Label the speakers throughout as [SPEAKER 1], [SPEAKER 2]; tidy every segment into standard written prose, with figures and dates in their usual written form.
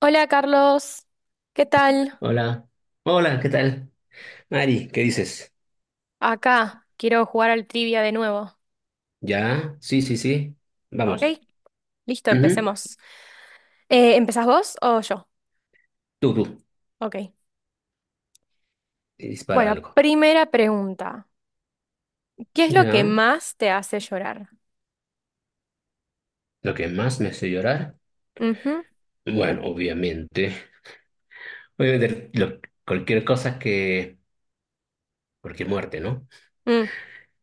[SPEAKER 1] Hola Carlos, ¿qué tal?
[SPEAKER 2] Hola, hola, ¿qué tal? Mari, ¿qué dices?
[SPEAKER 1] Acá quiero jugar al trivia de nuevo.
[SPEAKER 2] ¿Ya? Sí, sí, sí.
[SPEAKER 1] ¿Ok?
[SPEAKER 2] Vamos.
[SPEAKER 1] Listo,
[SPEAKER 2] Ujú.
[SPEAKER 1] empecemos. ¿Empezás vos o yo?
[SPEAKER 2] Tú, tú.
[SPEAKER 1] Ok.
[SPEAKER 2] Y dispara
[SPEAKER 1] Bueno,
[SPEAKER 2] algo.
[SPEAKER 1] primera pregunta. ¿Qué es lo que
[SPEAKER 2] ¿Ya?
[SPEAKER 1] más te hace llorar?
[SPEAKER 2] ¿Lo que más me hace llorar?
[SPEAKER 1] Ujú,
[SPEAKER 2] Bueno, obviamente. Obviamente, cualquier cosa que... Cualquier muerte, ¿no?
[SPEAKER 1] mm,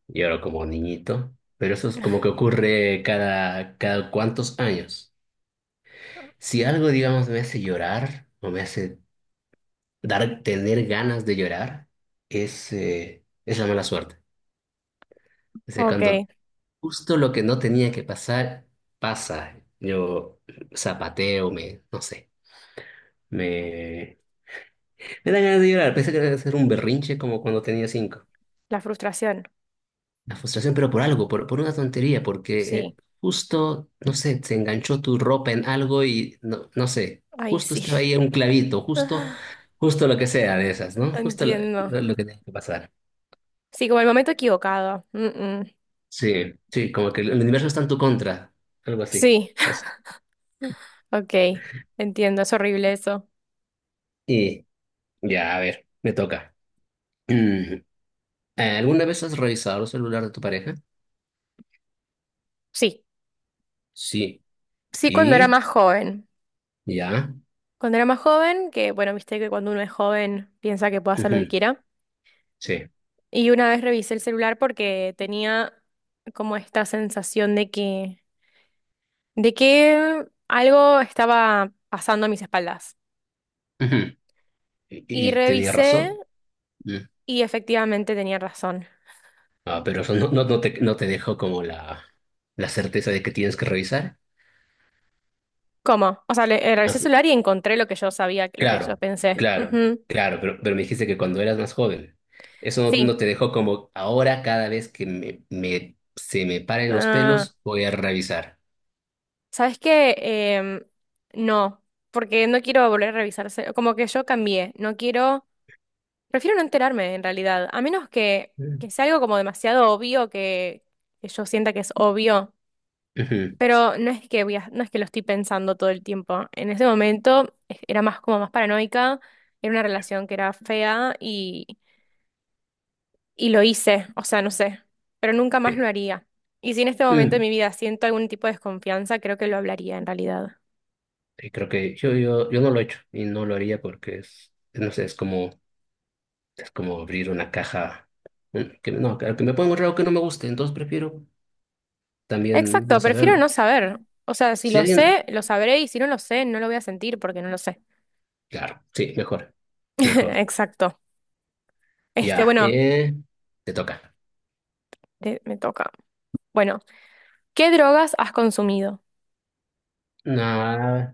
[SPEAKER 2] Lloro como niñito. Pero eso es como que ocurre cada cuantos años. Si algo, digamos, me hace llorar o me hace dar, tener ganas de llorar, es la mala suerte. O sea,
[SPEAKER 1] ok,
[SPEAKER 2] cuando justo lo que no tenía que pasar, pasa. Yo zapateo, no sé, me, me dan ganas de llorar. Pensé que era hacer un berrinche como cuando tenía 5.
[SPEAKER 1] la frustración.
[SPEAKER 2] La frustración, pero por algo, por una tontería, porque
[SPEAKER 1] Sí,
[SPEAKER 2] justo, no sé, se enganchó tu ropa en algo y no, no sé,
[SPEAKER 1] ahí
[SPEAKER 2] justo estaba
[SPEAKER 1] sí.
[SPEAKER 2] ahí un clavito, justo, justo lo que sea de esas, ¿no? Justo
[SPEAKER 1] Entiendo.
[SPEAKER 2] lo que tenía que pasar.
[SPEAKER 1] Sí, como el momento equivocado. Mm, mm.
[SPEAKER 2] Sí, sí, como que el universo está en tu contra, algo así.
[SPEAKER 1] Sí,
[SPEAKER 2] Eso.
[SPEAKER 1] ok, entiendo, es horrible eso.
[SPEAKER 2] Y ya, a ver, me toca. ¿Alguna vez has revisado el celular de tu pareja?
[SPEAKER 1] Sí,
[SPEAKER 2] Sí.
[SPEAKER 1] sí, cuando era
[SPEAKER 2] ¿Y?
[SPEAKER 1] más joven.
[SPEAKER 2] ¿Ya?
[SPEAKER 1] Cuando era más joven, que bueno, viste que cuando uno es joven piensa que puede hacer lo que
[SPEAKER 2] Ujú.
[SPEAKER 1] quiera.
[SPEAKER 2] Sí.
[SPEAKER 1] Y una vez revisé el celular porque tenía como esta sensación de que, algo estaba pasando a mis espaldas.
[SPEAKER 2] Ujú. ¿Y,
[SPEAKER 1] Y
[SPEAKER 2] y tenía
[SPEAKER 1] revisé
[SPEAKER 2] razón? Mm.
[SPEAKER 1] y efectivamente tenía razón.
[SPEAKER 2] Ah, pero eso no, no, no te, no te dejó como la certeza de que tienes que revisar.
[SPEAKER 1] ¿Cómo? O sea, revisé el
[SPEAKER 2] Has-
[SPEAKER 1] celular y encontré lo que yo sabía, lo que yo
[SPEAKER 2] claro,
[SPEAKER 1] pensé.
[SPEAKER 2] claro,
[SPEAKER 1] Ujú.
[SPEAKER 2] claro, pero me dijiste que cuando eras más joven. Eso no,
[SPEAKER 1] Sí.
[SPEAKER 2] no te dejó como ahora cada vez que se me paren los
[SPEAKER 1] Ah,
[SPEAKER 2] pelos voy a revisar.
[SPEAKER 1] ¿sabes qué? No, porque no quiero volver a revisarse. Como que yo cambié. No quiero. Prefiero no enterarme, en realidad, a menos que,
[SPEAKER 2] Mm.
[SPEAKER 1] que sea algo como demasiado obvio que yo sienta que es obvio.
[SPEAKER 2] Ujú,
[SPEAKER 1] Pero no es que voy a- no es que lo estoy pensando todo el tiempo. En ese momento era más como más paranoica, era una relación que era fea y lo hice, o sea, no sé, pero nunca más
[SPEAKER 2] sí.
[SPEAKER 1] lo haría. Y si en este momento de
[SPEAKER 2] Mm.
[SPEAKER 1] mi vida siento algún tipo de desconfianza, creo que lo hablaría en realidad.
[SPEAKER 2] Sí, creo que yo no lo he hecho y no lo haría porque es, no sé, es como abrir una caja. Que, no, claro, que me puede encontrar algo que no me guste, entonces prefiero también
[SPEAKER 1] Exacto,
[SPEAKER 2] no
[SPEAKER 1] prefiero
[SPEAKER 2] saberlo.
[SPEAKER 1] no saber. O sea, si
[SPEAKER 2] Si
[SPEAKER 1] lo
[SPEAKER 2] alguien,
[SPEAKER 1] sé, lo sabré y si no lo sé, no lo voy a sentir porque no lo sé.
[SPEAKER 2] claro, sí, mejor, mejor.
[SPEAKER 1] Exacto. Este,
[SPEAKER 2] Ya,
[SPEAKER 1] bueno.
[SPEAKER 2] te toca.
[SPEAKER 1] Me toca. Bueno, ¿qué drogas has consumido?
[SPEAKER 2] Nah,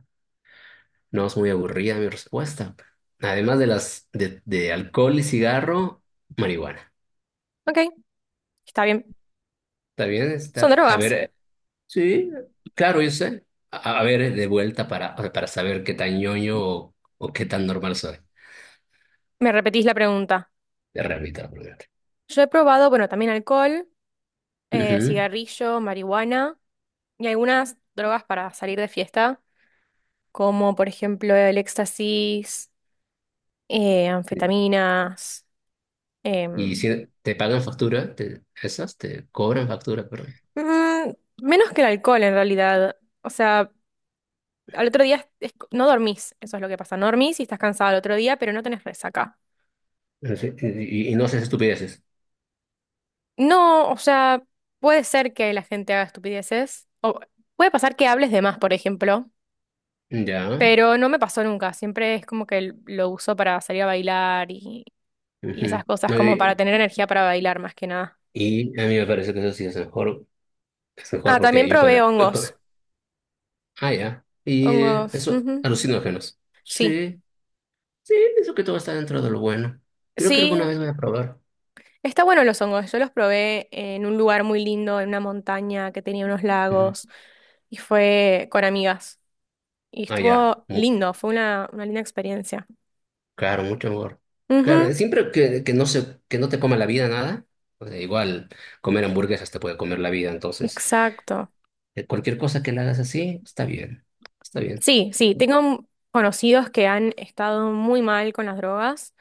[SPEAKER 2] no es muy aburrida mi respuesta. Además de las de alcohol y cigarro, marihuana.
[SPEAKER 1] Ok, está bien.
[SPEAKER 2] También
[SPEAKER 1] Son
[SPEAKER 2] está, a
[SPEAKER 1] drogas.
[SPEAKER 2] ver. Sí, claro, yo sé. A ver, de vuelta para, o sea, para saber qué tan ñoño o qué tan normal soy.
[SPEAKER 1] ¿Me repetís la pregunta?
[SPEAKER 2] De realidad, obviamente.
[SPEAKER 1] Yo he probado, bueno, también alcohol,
[SPEAKER 2] Ujú.
[SPEAKER 1] cigarrillo, marihuana y algunas drogas para salir de fiesta, como por ejemplo el éxtasis, anfetaminas,
[SPEAKER 2] Y
[SPEAKER 1] em,
[SPEAKER 2] si te pagan factura, esas te cobran factura, perdón.
[SPEAKER 1] mm, menos que el alcohol en realidad. O sea, al otro día no dormís, eso es lo que pasa. No dormís y estás cansado al otro día, pero no tenés resaca.
[SPEAKER 2] Sí. Y no haces estupideces.
[SPEAKER 1] No, o sea, puede ser que la gente haga estupideces. O puede pasar que hables de más, por ejemplo.
[SPEAKER 2] Ya.
[SPEAKER 1] Pero no me pasó nunca. Siempre es como que lo uso para salir a bailar y, esas
[SPEAKER 2] Ujú.
[SPEAKER 1] cosas,
[SPEAKER 2] No,
[SPEAKER 1] como
[SPEAKER 2] y,
[SPEAKER 1] para tener energía para bailar más que nada.
[SPEAKER 2] y a mí me parece que eso sí es mejor
[SPEAKER 1] Ah, también
[SPEAKER 2] porque yo cuando...
[SPEAKER 1] probé hongos.
[SPEAKER 2] Ah, ya. Y
[SPEAKER 1] Hongos.
[SPEAKER 2] eso,
[SPEAKER 1] Ujú.
[SPEAKER 2] alucinógenos.
[SPEAKER 1] Sí.
[SPEAKER 2] Sí, sí, pienso que todo está dentro de lo bueno. Creo que
[SPEAKER 1] Sí,
[SPEAKER 2] alguna vez voy a probar.
[SPEAKER 1] está bueno los hongos. Yo los probé en un lugar muy lindo, en una montaña que tenía unos lagos. Y fue con amigas. Y
[SPEAKER 2] Ah, ya.
[SPEAKER 1] estuvo lindo, fue una linda experiencia.
[SPEAKER 2] Claro, mucho mejor. Claro,
[SPEAKER 1] Ujú.
[SPEAKER 2] siempre que no se, que no te coma la vida nada, o sea, igual comer hamburguesas te puede comer la vida, entonces
[SPEAKER 1] Exacto.
[SPEAKER 2] cualquier cosa que la hagas así, está bien, está bien.
[SPEAKER 1] Sí, sí, tengo conocidos que han estado muy mal con las drogas,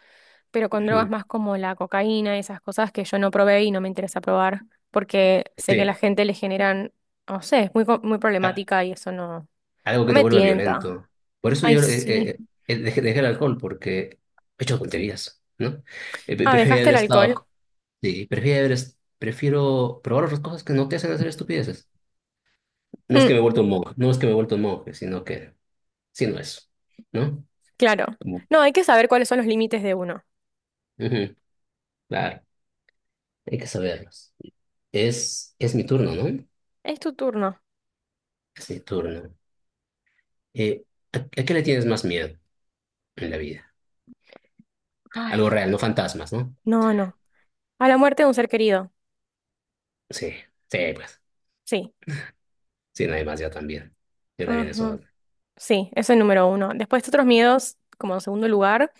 [SPEAKER 1] pero con drogas
[SPEAKER 2] Ujú.
[SPEAKER 1] más como la cocaína, esas cosas que yo no probé y no me interesa probar, porque sé que a la
[SPEAKER 2] Sí,
[SPEAKER 1] gente le generan, no sé, es muy, muy
[SPEAKER 2] a-
[SPEAKER 1] problemática y eso no, no
[SPEAKER 2] algo que te
[SPEAKER 1] me
[SPEAKER 2] vuelva
[SPEAKER 1] tienta.
[SPEAKER 2] violento. Por eso
[SPEAKER 1] Ay,
[SPEAKER 2] yo
[SPEAKER 1] sí.
[SPEAKER 2] dejé el alcohol, porque he hecho tonterías, ¿no?
[SPEAKER 1] Ah,
[SPEAKER 2] Prefiero
[SPEAKER 1] dejaste
[SPEAKER 2] haber
[SPEAKER 1] el alcohol.
[SPEAKER 2] estado, sí, prefiero haber prefiero probar otras cosas que no te hacen hacer estupideces. No es
[SPEAKER 1] Mm,
[SPEAKER 2] que me he vuelto un monje, no es que me he vuelto un monje, sino que, sino eso, ¿no?
[SPEAKER 1] claro.
[SPEAKER 2] Ujú.
[SPEAKER 1] No, hay que saber cuáles son los límites de uno.
[SPEAKER 2] Claro, hay que saberlos. Es mi turno, ¿no?
[SPEAKER 1] Es tu turno.
[SPEAKER 2] Es mi turno. Eh, a qué le tienes más miedo en la vida?
[SPEAKER 1] Ay,
[SPEAKER 2] Algo real, no fantasmas, ¿no?
[SPEAKER 1] no, no. A la muerte de un ser querido.
[SPEAKER 2] Sí, sí, pues.
[SPEAKER 1] Sí.
[SPEAKER 2] Sí, nadie más, yo también. Yo también eso.
[SPEAKER 1] Sí, eso es el número uno. Después otros miedos, como en segundo lugar,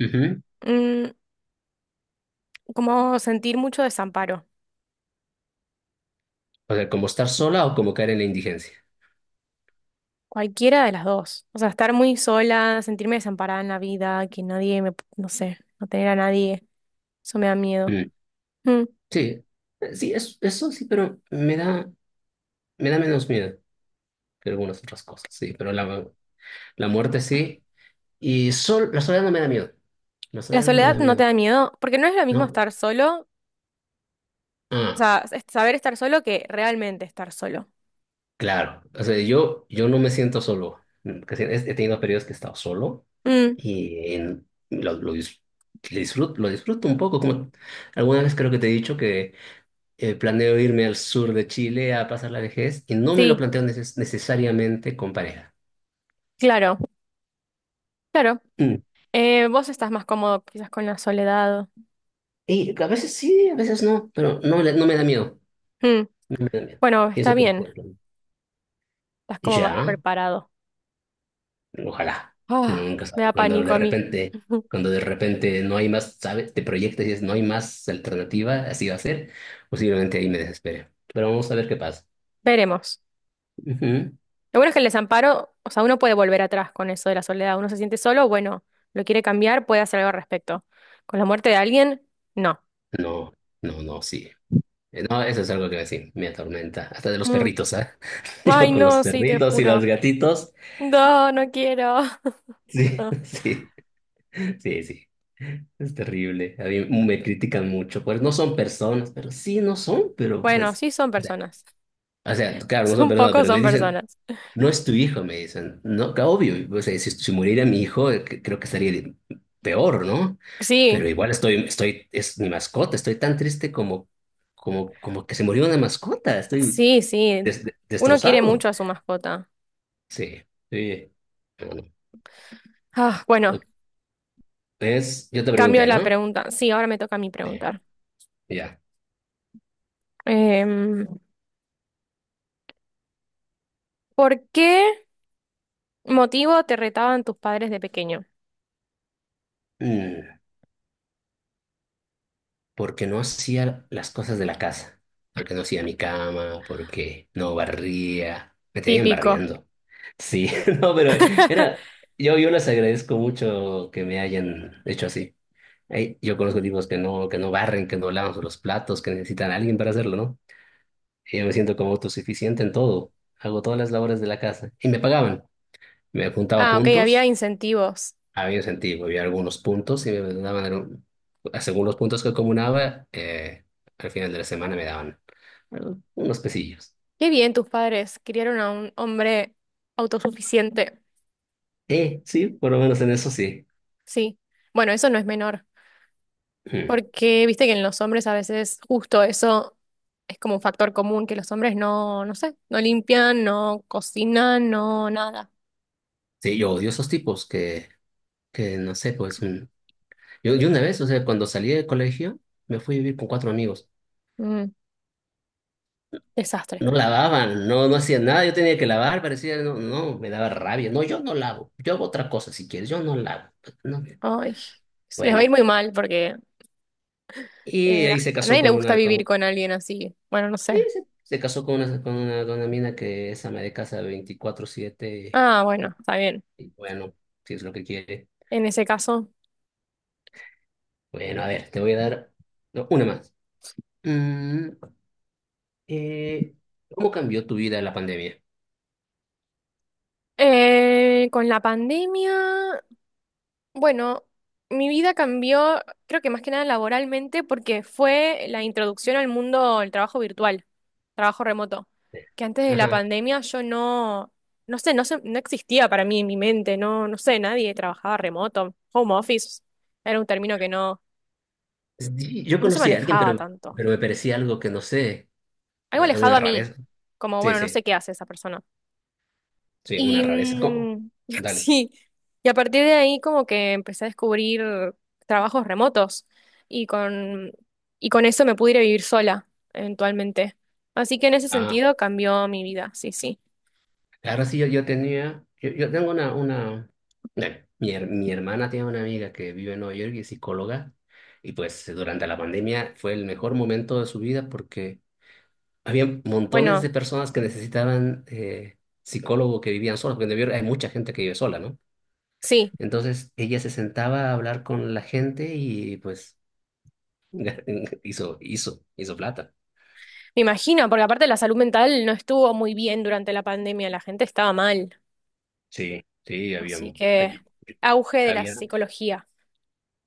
[SPEAKER 2] Ujú.
[SPEAKER 1] mm, como sentir mucho desamparo,
[SPEAKER 2] O sea, como estar sola o como caer en la indigencia.
[SPEAKER 1] cualquiera de las dos. O sea, estar muy sola, sentirme desamparada en la vida, que nadie me, no sé, no tener a nadie, eso me da miedo.
[SPEAKER 2] Mm.
[SPEAKER 1] Mm.
[SPEAKER 2] Sí, sí, eso sí, pero me da menos miedo que algunas otras cosas, sí, pero la muerte sí. Y la soledad no me da miedo. La
[SPEAKER 1] La
[SPEAKER 2] soledad no me
[SPEAKER 1] soledad
[SPEAKER 2] da
[SPEAKER 1] no te
[SPEAKER 2] miedo,
[SPEAKER 1] da miedo, porque no es lo mismo
[SPEAKER 2] ¿no?
[SPEAKER 1] estar solo, o
[SPEAKER 2] Ah.
[SPEAKER 1] sea, es saber estar solo que realmente estar solo.
[SPEAKER 2] Claro, o sea, yo no me siento solo. He tenido periodos que he estado solo
[SPEAKER 1] Mm,
[SPEAKER 2] y lo dis- disfruto, lo disfruto un poco. Como alguna vez creo que te he dicho que planeo irme al sur de Chile a pasar la vejez y no me lo
[SPEAKER 1] sí,
[SPEAKER 2] planteo necesariamente con pareja.
[SPEAKER 1] claro, claro.
[SPEAKER 2] Mm.
[SPEAKER 1] Vos estás más cómodo quizás con la soledad.
[SPEAKER 2] Y a veces sí, a veces no, pero no, no me da miedo.
[SPEAKER 1] Mm,
[SPEAKER 2] No me da miedo.
[SPEAKER 1] bueno, está
[SPEAKER 2] Pienso que lo
[SPEAKER 1] bien,
[SPEAKER 2] puedo planear.
[SPEAKER 1] estás como más
[SPEAKER 2] Ya.
[SPEAKER 1] preparado.
[SPEAKER 2] Ojalá.
[SPEAKER 1] Ah,
[SPEAKER 2] Nunca
[SPEAKER 1] me
[SPEAKER 2] sabe.
[SPEAKER 1] da pánico a mí.
[SPEAKER 2] Cuando de repente no hay más, ¿sabes? Te proyectas y dices, no hay más alternativa, así va a ser. Posiblemente ahí me desespere. Pero vamos a ver qué pasa.
[SPEAKER 1] Veremos.
[SPEAKER 2] Ujú.
[SPEAKER 1] Lo bueno es que el desamparo, o sea, uno puede volver atrás con eso de la soledad. Uno se siente solo, bueno, lo quiere cambiar, puede hacer algo al respecto. Con la muerte de alguien, no.
[SPEAKER 2] No, no, no, sí. No, eso es algo que sí, me atormenta. Hasta de los
[SPEAKER 1] Mm.
[SPEAKER 2] perritos, ¿ah?
[SPEAKER 1] Ay,
[SPEAKER 2] Yo con los
[SPEAKER 1] no, sí, te
[SPEAKER 2] perritos y los
[SPEAKER 1] juro.
[SPEAKER 2] gatitos.
[SPEAKER 1] No, no quiero.
[SPEAKER 2] Sí, sí, sí, sí. Es terrible. A mí me critican mucho. Pues no son personas, pero sí, no son, pero
[SPEAKER 1] Bueno,
[SPEAKER 2] pues.
[SPEAKER 1] sí son personas.
[SPEAKER 2] O sea, claro, no son
[SPEAKER 1] Son
[SPEAKER 2] personas,
[SPEAKER 1] pocos,
[SPEAKER 2] pero me
[SPEAKER 1] son
[SPEAKER 2] dicen,
[SPEAKER 1] personas.
[SPEAKER 2] no es tu hijo, me dicen. No, que obvio, o sea, si muriera mi hijo, creo que estaría peor, ¿no?
[SPEAKER 1] Sí,
[SPEAKER 2] Pero igual es mi mascota, estoy tan triste como, como que se murió una mascota, estoy
[SPEAKER 1] sí, sí. Uno quiere mucho
[SPEAKER 2] destrozado.
[SPEAKER 1] a su mascota.
[SPEAKER 2] Sí, sí. Bueno,
[SPEAKER 1] Ah, bueno,
[SPEAKER 2] ok. Yo te
[SPEAKER 1] cambio
[SPEAKER 2] pregunté,
[SPEAKER 1] la
[SPEAKER 2] ¿no?
[SPEAKER 1] pregunta. Sí, ahora me toca a mí
[SPEAKER 2] Sí,
[SPEAKER 1] preguntar.
[SPEAKER 2] ya.
[SPEAKER 1] Em, ¿Por qué? Motivo, te retaban tus padres de pequeño.
[SPEAKER 2] Mm, porque no hacía las cosas de la casa, porque no hacía mi cama, porque no barría, me tenían
[SPEAKER 1] Típico.
[SPEAKER 2] barriendo. Sí, no, pero era, yo les agradezco mucho que me hayan hecho así. Ey, yo conozco tipos que no, barren, que no lavan los platos, que necesitan a alguien para hacerlo, ¿no? Y yo me siento como autosuficiente en todo. Hago todas las labores de la casa. Y me pagaban. Me juntaba
[SPEAKER 1] Ah, ok, había
[SPEAKER 2] puntos,
[SPEAKER 1] incentivos.
[SPEAKER 2] había un sentido, había algunos puntos y me daban, según los puntos que acumulaba, al final de la semana me daban unos pesillos.
[SPEAKER 1] Qué bien, tus padres criaron a un hombre autosuficiente.
[SPEAKER 2] Sí, por lo menos en eso sí.
[SPEAKER 1] Sí. Bueno, eso no es menor,
[SPEAKER 2] Mm.
[SPEAKER 1] porque viste que en los hombres a veces justo eso es como un factor común, que los hombres no, no sé, no limpian, no cocinan, no nada.
[SPEAKER 2] Sí, yo odio esos tipos que no sé, pues yo una vez, o sea, cuando salí del colegio, me fui a vivir con cuatro amigos.
[SPEAKER 1] Mm, desastre.
[SPEAKER 2] No lavaban, no, no hacían nada, yo tenía que lavar, parecía, no, no, me daba rabia. No, yo no lavo, yo hago otra cosa si quieres, yo no lavo. No,
[SPEAKER 1] Ay, les va a
[SPEAKER 2] bueno,
[SPEAKER 1] ir muy mal porque
[SPEAKER 2] y
[SPEAKER 1] eh,
[SPEAKER 2] ahí se
[SPEAKER 1] a
[SPEAKER 2] casó
[SPEAKER 1] nadie le
[SPEAKER 2] con
[SPEAKER 1] gusta
[SPEAKER 2] una,
[SPEAKER 1] vivir
[SPEAKER 2] con,
[SPEAKER 1] con alguien así. Bueno, no
[SPEAKER 2] sí,
[SPEAKER 1] sé.
[SPEAKER 2] se casó con una mina que es ama de casa 24/7
[SPEAKER 1] Ah,
[SPEAKER 2] y,
[SPEAKER 1] bueno, está bien.
[SPEAKER 2] y bueno, si es lo que quiere.
[SPEAKER 1] En ese caso.
[SPEAKER 2] Bueno, a ver, te voy a dar no, una más. Mm, eh, ¿cómo cambió tu vida la pandemia?
[SPEAKER 1] Con la pandemia, bueno, mi vida cambió, creo que más que nada laboralmente, porque fue la introducción al mundo del trabajo virtual, trabajo remoto, que antes de la
[SPEAKER 2] Ajá.
[SPEAKER 1] pandemia yo no, no sé, no existía para mí en mi mente, no, no sé, nadie trabajaba remoto, home office, era un término que no,
[SPEAKER 2] Sí, yo
[SPEAKER 1] no se
[SPEAKER 2] conocí a alguien,
[SPEAKER 1] manejaba tanto,
[SPEAKER 2] pero me parecía algo que no sé,
[SPEAKER 1] algo alejado
[SPEAKER 2] alguna
[SPEAKER 1] a mí,
[SPEAKER 2] rareza.
[SPEAKER 1] como,
[SPEAKER 2] Sí,
[SPEAKER 1] bueno, no sé
[SPEAKER 2] sí,
[SPEAKER 1] qué hace esa persona.
[SPEAKER 2] sí, una
[SPEAKER 1] Y
[SPEAKER 2] rareza. ¿Cómo? Dale.
[SPEAKER 1] sí, y a partir de ahí como que empecé a descubrir trabajos remotos y con, y con, eso me pude ir a vivir sola eventualmente. Así que en ese
[SPEAKER 2] Ah,
[SPEAKER 1] sentido cambió mi vida, sí, sí.
[SPEAKER 2] ahora sí, yo tenía, yo tengo dale, mi hermana tiene una amiga que vive en Nueva York y es psicóloga, y pues durante la pandemia fue el mejor momento de su vida porque había montones
[SPEAKER 1] Bueno,
[SPEAKER 2] de personas que necesitaban psicólogo que vivían solas, porque en Nueva York hay mucha gente que vive sola, ¿no?
[SPEAKER 1] sí,
[SPEAKER 2] Entonces ella se sentaba a hablar con la gente y pues hizo plata.
[SPEAKER 1] me imagino, porque aparte la salud mental no estuvo muy bien durante la pandemia, la gente estaba mal.
[SPEAKER 2] Sí, sí, había,
[SPEAKER 1] Así que
[SPEAKER 2] allí-
[SPEAKER 1] auge de la
[SPEAKER 2] había,
[SPEAKER 1] psicología.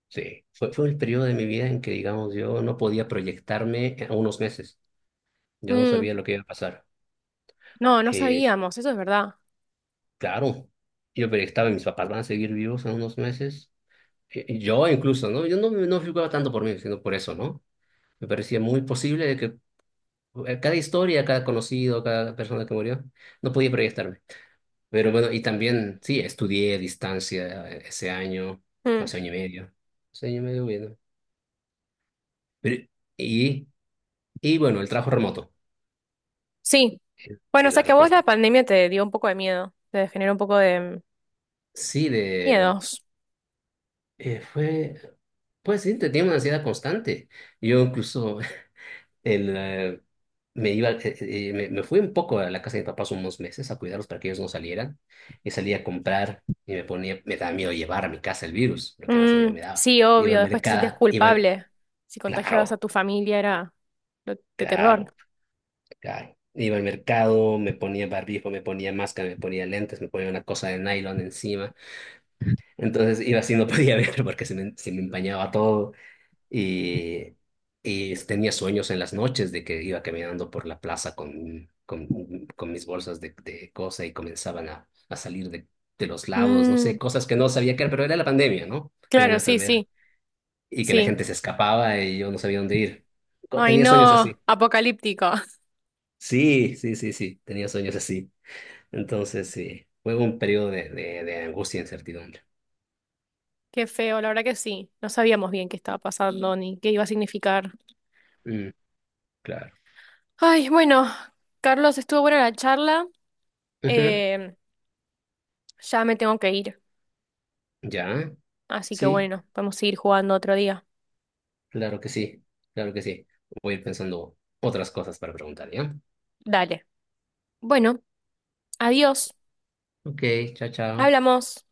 [SPEAKER 2] sí. Fue el periodo de mi vida en que, digamos, yo no podía proyectarme a unos meses. Yo no
[SPEAKER 1] Mm,
[SPEAKER 2] sabía lo que iba a pasar.
[SPEAKER 1] no, no
[SPEAKER 2] Eh,
[SPEAKER 1] sabíamos, eso es verdad.
[SPEAKER 2] claro, yo proyectaba, mis papás van a seguir vivos en unos meses. Yo incluso, ¿no? Yo no, me- no figuraba tanto por mí, sino por eso, ¿no? Me parecía muy posible de que cada historia, cada conocido, cada persona que murió, no podía proyectarme. Pero bueno, y también, sí, estudié a distancia ese año,
[SPEAKER 1] Mm.
[SPEAKER 2] hace año y medio. Hace año y medio, bueno. Pero, y, y bueno, el trabajo remoto
[SPEAKER 1] Sí. Bueno, o
[SPEAKER 2] es
[SPEAKER 1] sea
[SPEAKER 2] la
[SPEAKER 1] que a vos
[SPEAKER 2] respuesta.
[SPEAKER 1] la pandemia te dio un poco de miedo, te generó un poco de
[SPEAKER 2] Sí,
[SPEAKER 1] miedos.
[SPEAKER 2] fue, pues sí, tenía una ansiedad constante. Yo incluso el, eh, me fui un poco a la casa de mis papás unos meses a cuidarlos para que ellos no salieran. Y salía a comprar y me ponía, me daba miedo llevar a mi casa el virus, lo que más miedo
[SPEAKER 1] Mm,
[SPEAKER 2] me daba.
[SPEAKER 1] sí,
[SPEAKER 2] Iba
[SPEAKER 1] obvio,
[SPEAKER 2] al
[SPEAKER 1] después te sentías
[SPEAKER 2] mercado,
[SPEAKER 1] culpable. Si contagiabas a
[SPEAKER 2] claro.
[SPEAKER 1] tu familia era de terror.
[SPEAKER 2] Caro, caro. Iba al mercado, me ponía barbijo, me ponía máscara, me ponía lentes, me ponía una cosa de nylon encima. Entonces iba así, no podía ver porque se me empañaba todo. Y, y tenía sueños en las noches de que iba caminando por la plaza con, con mis bolsas de cosa y comenzaban a salir de los lados, no sé,
[SPEAKER 1] Mm,
[SPEAKER 2] cosas que no sabía qué era, pero era la pandemia, ¿no? Era la
[SPEAKER 1] claro, sí,
[SPEAKER 2] enfermedad.
[SPEAKER 1] sí,
[SPEAKER 2] Y que la
[SPEAKER 1] sí.
[SPEAKER 2] gente se escapaba y yo no sabía dónde ir.
[SPEAKER 1] Ay,
[SPEAKER 2] Tenía
[SPEAKER 1] no,
[SPEAKER 2] sueños así.
[SPEAKER 1] apocalíptico.
[SPEAKER 2] Sí, sí, sí, sí, tenía sueños así. Entonces, sí, fue un periodo de angustia e incertidumbre.
[SPEAKER 1] Qué feo, la verdad que sí. No sabíamos bien qué estaba pasando ni qué iba a significar.
[SPEAKER 2] Mm, claro.
[SPEAKER 1] Ay, bueno, Carlos, estuvo buena la charla.
[SPEAKER 2] Ujú.
[SPEAKER 1] Eh, ya me tengo que ir.
[SPEAKER 2] Ya,
[SPEAKER 1] Así que
[SPEAKER 2] sí,
[SPEAKER 1] bueno, podemos seguir jugando otro día.
[SPEAKER 2] claro que sí, claro que sí. Voy a ir pensando otras cosas para preguntar, ¿ya?
[SPEAKER 1] Dale. Bueno. Adiós,
[SPEAKER 2] Ok, chao, chao.
[SPEAKER 1] hablamos.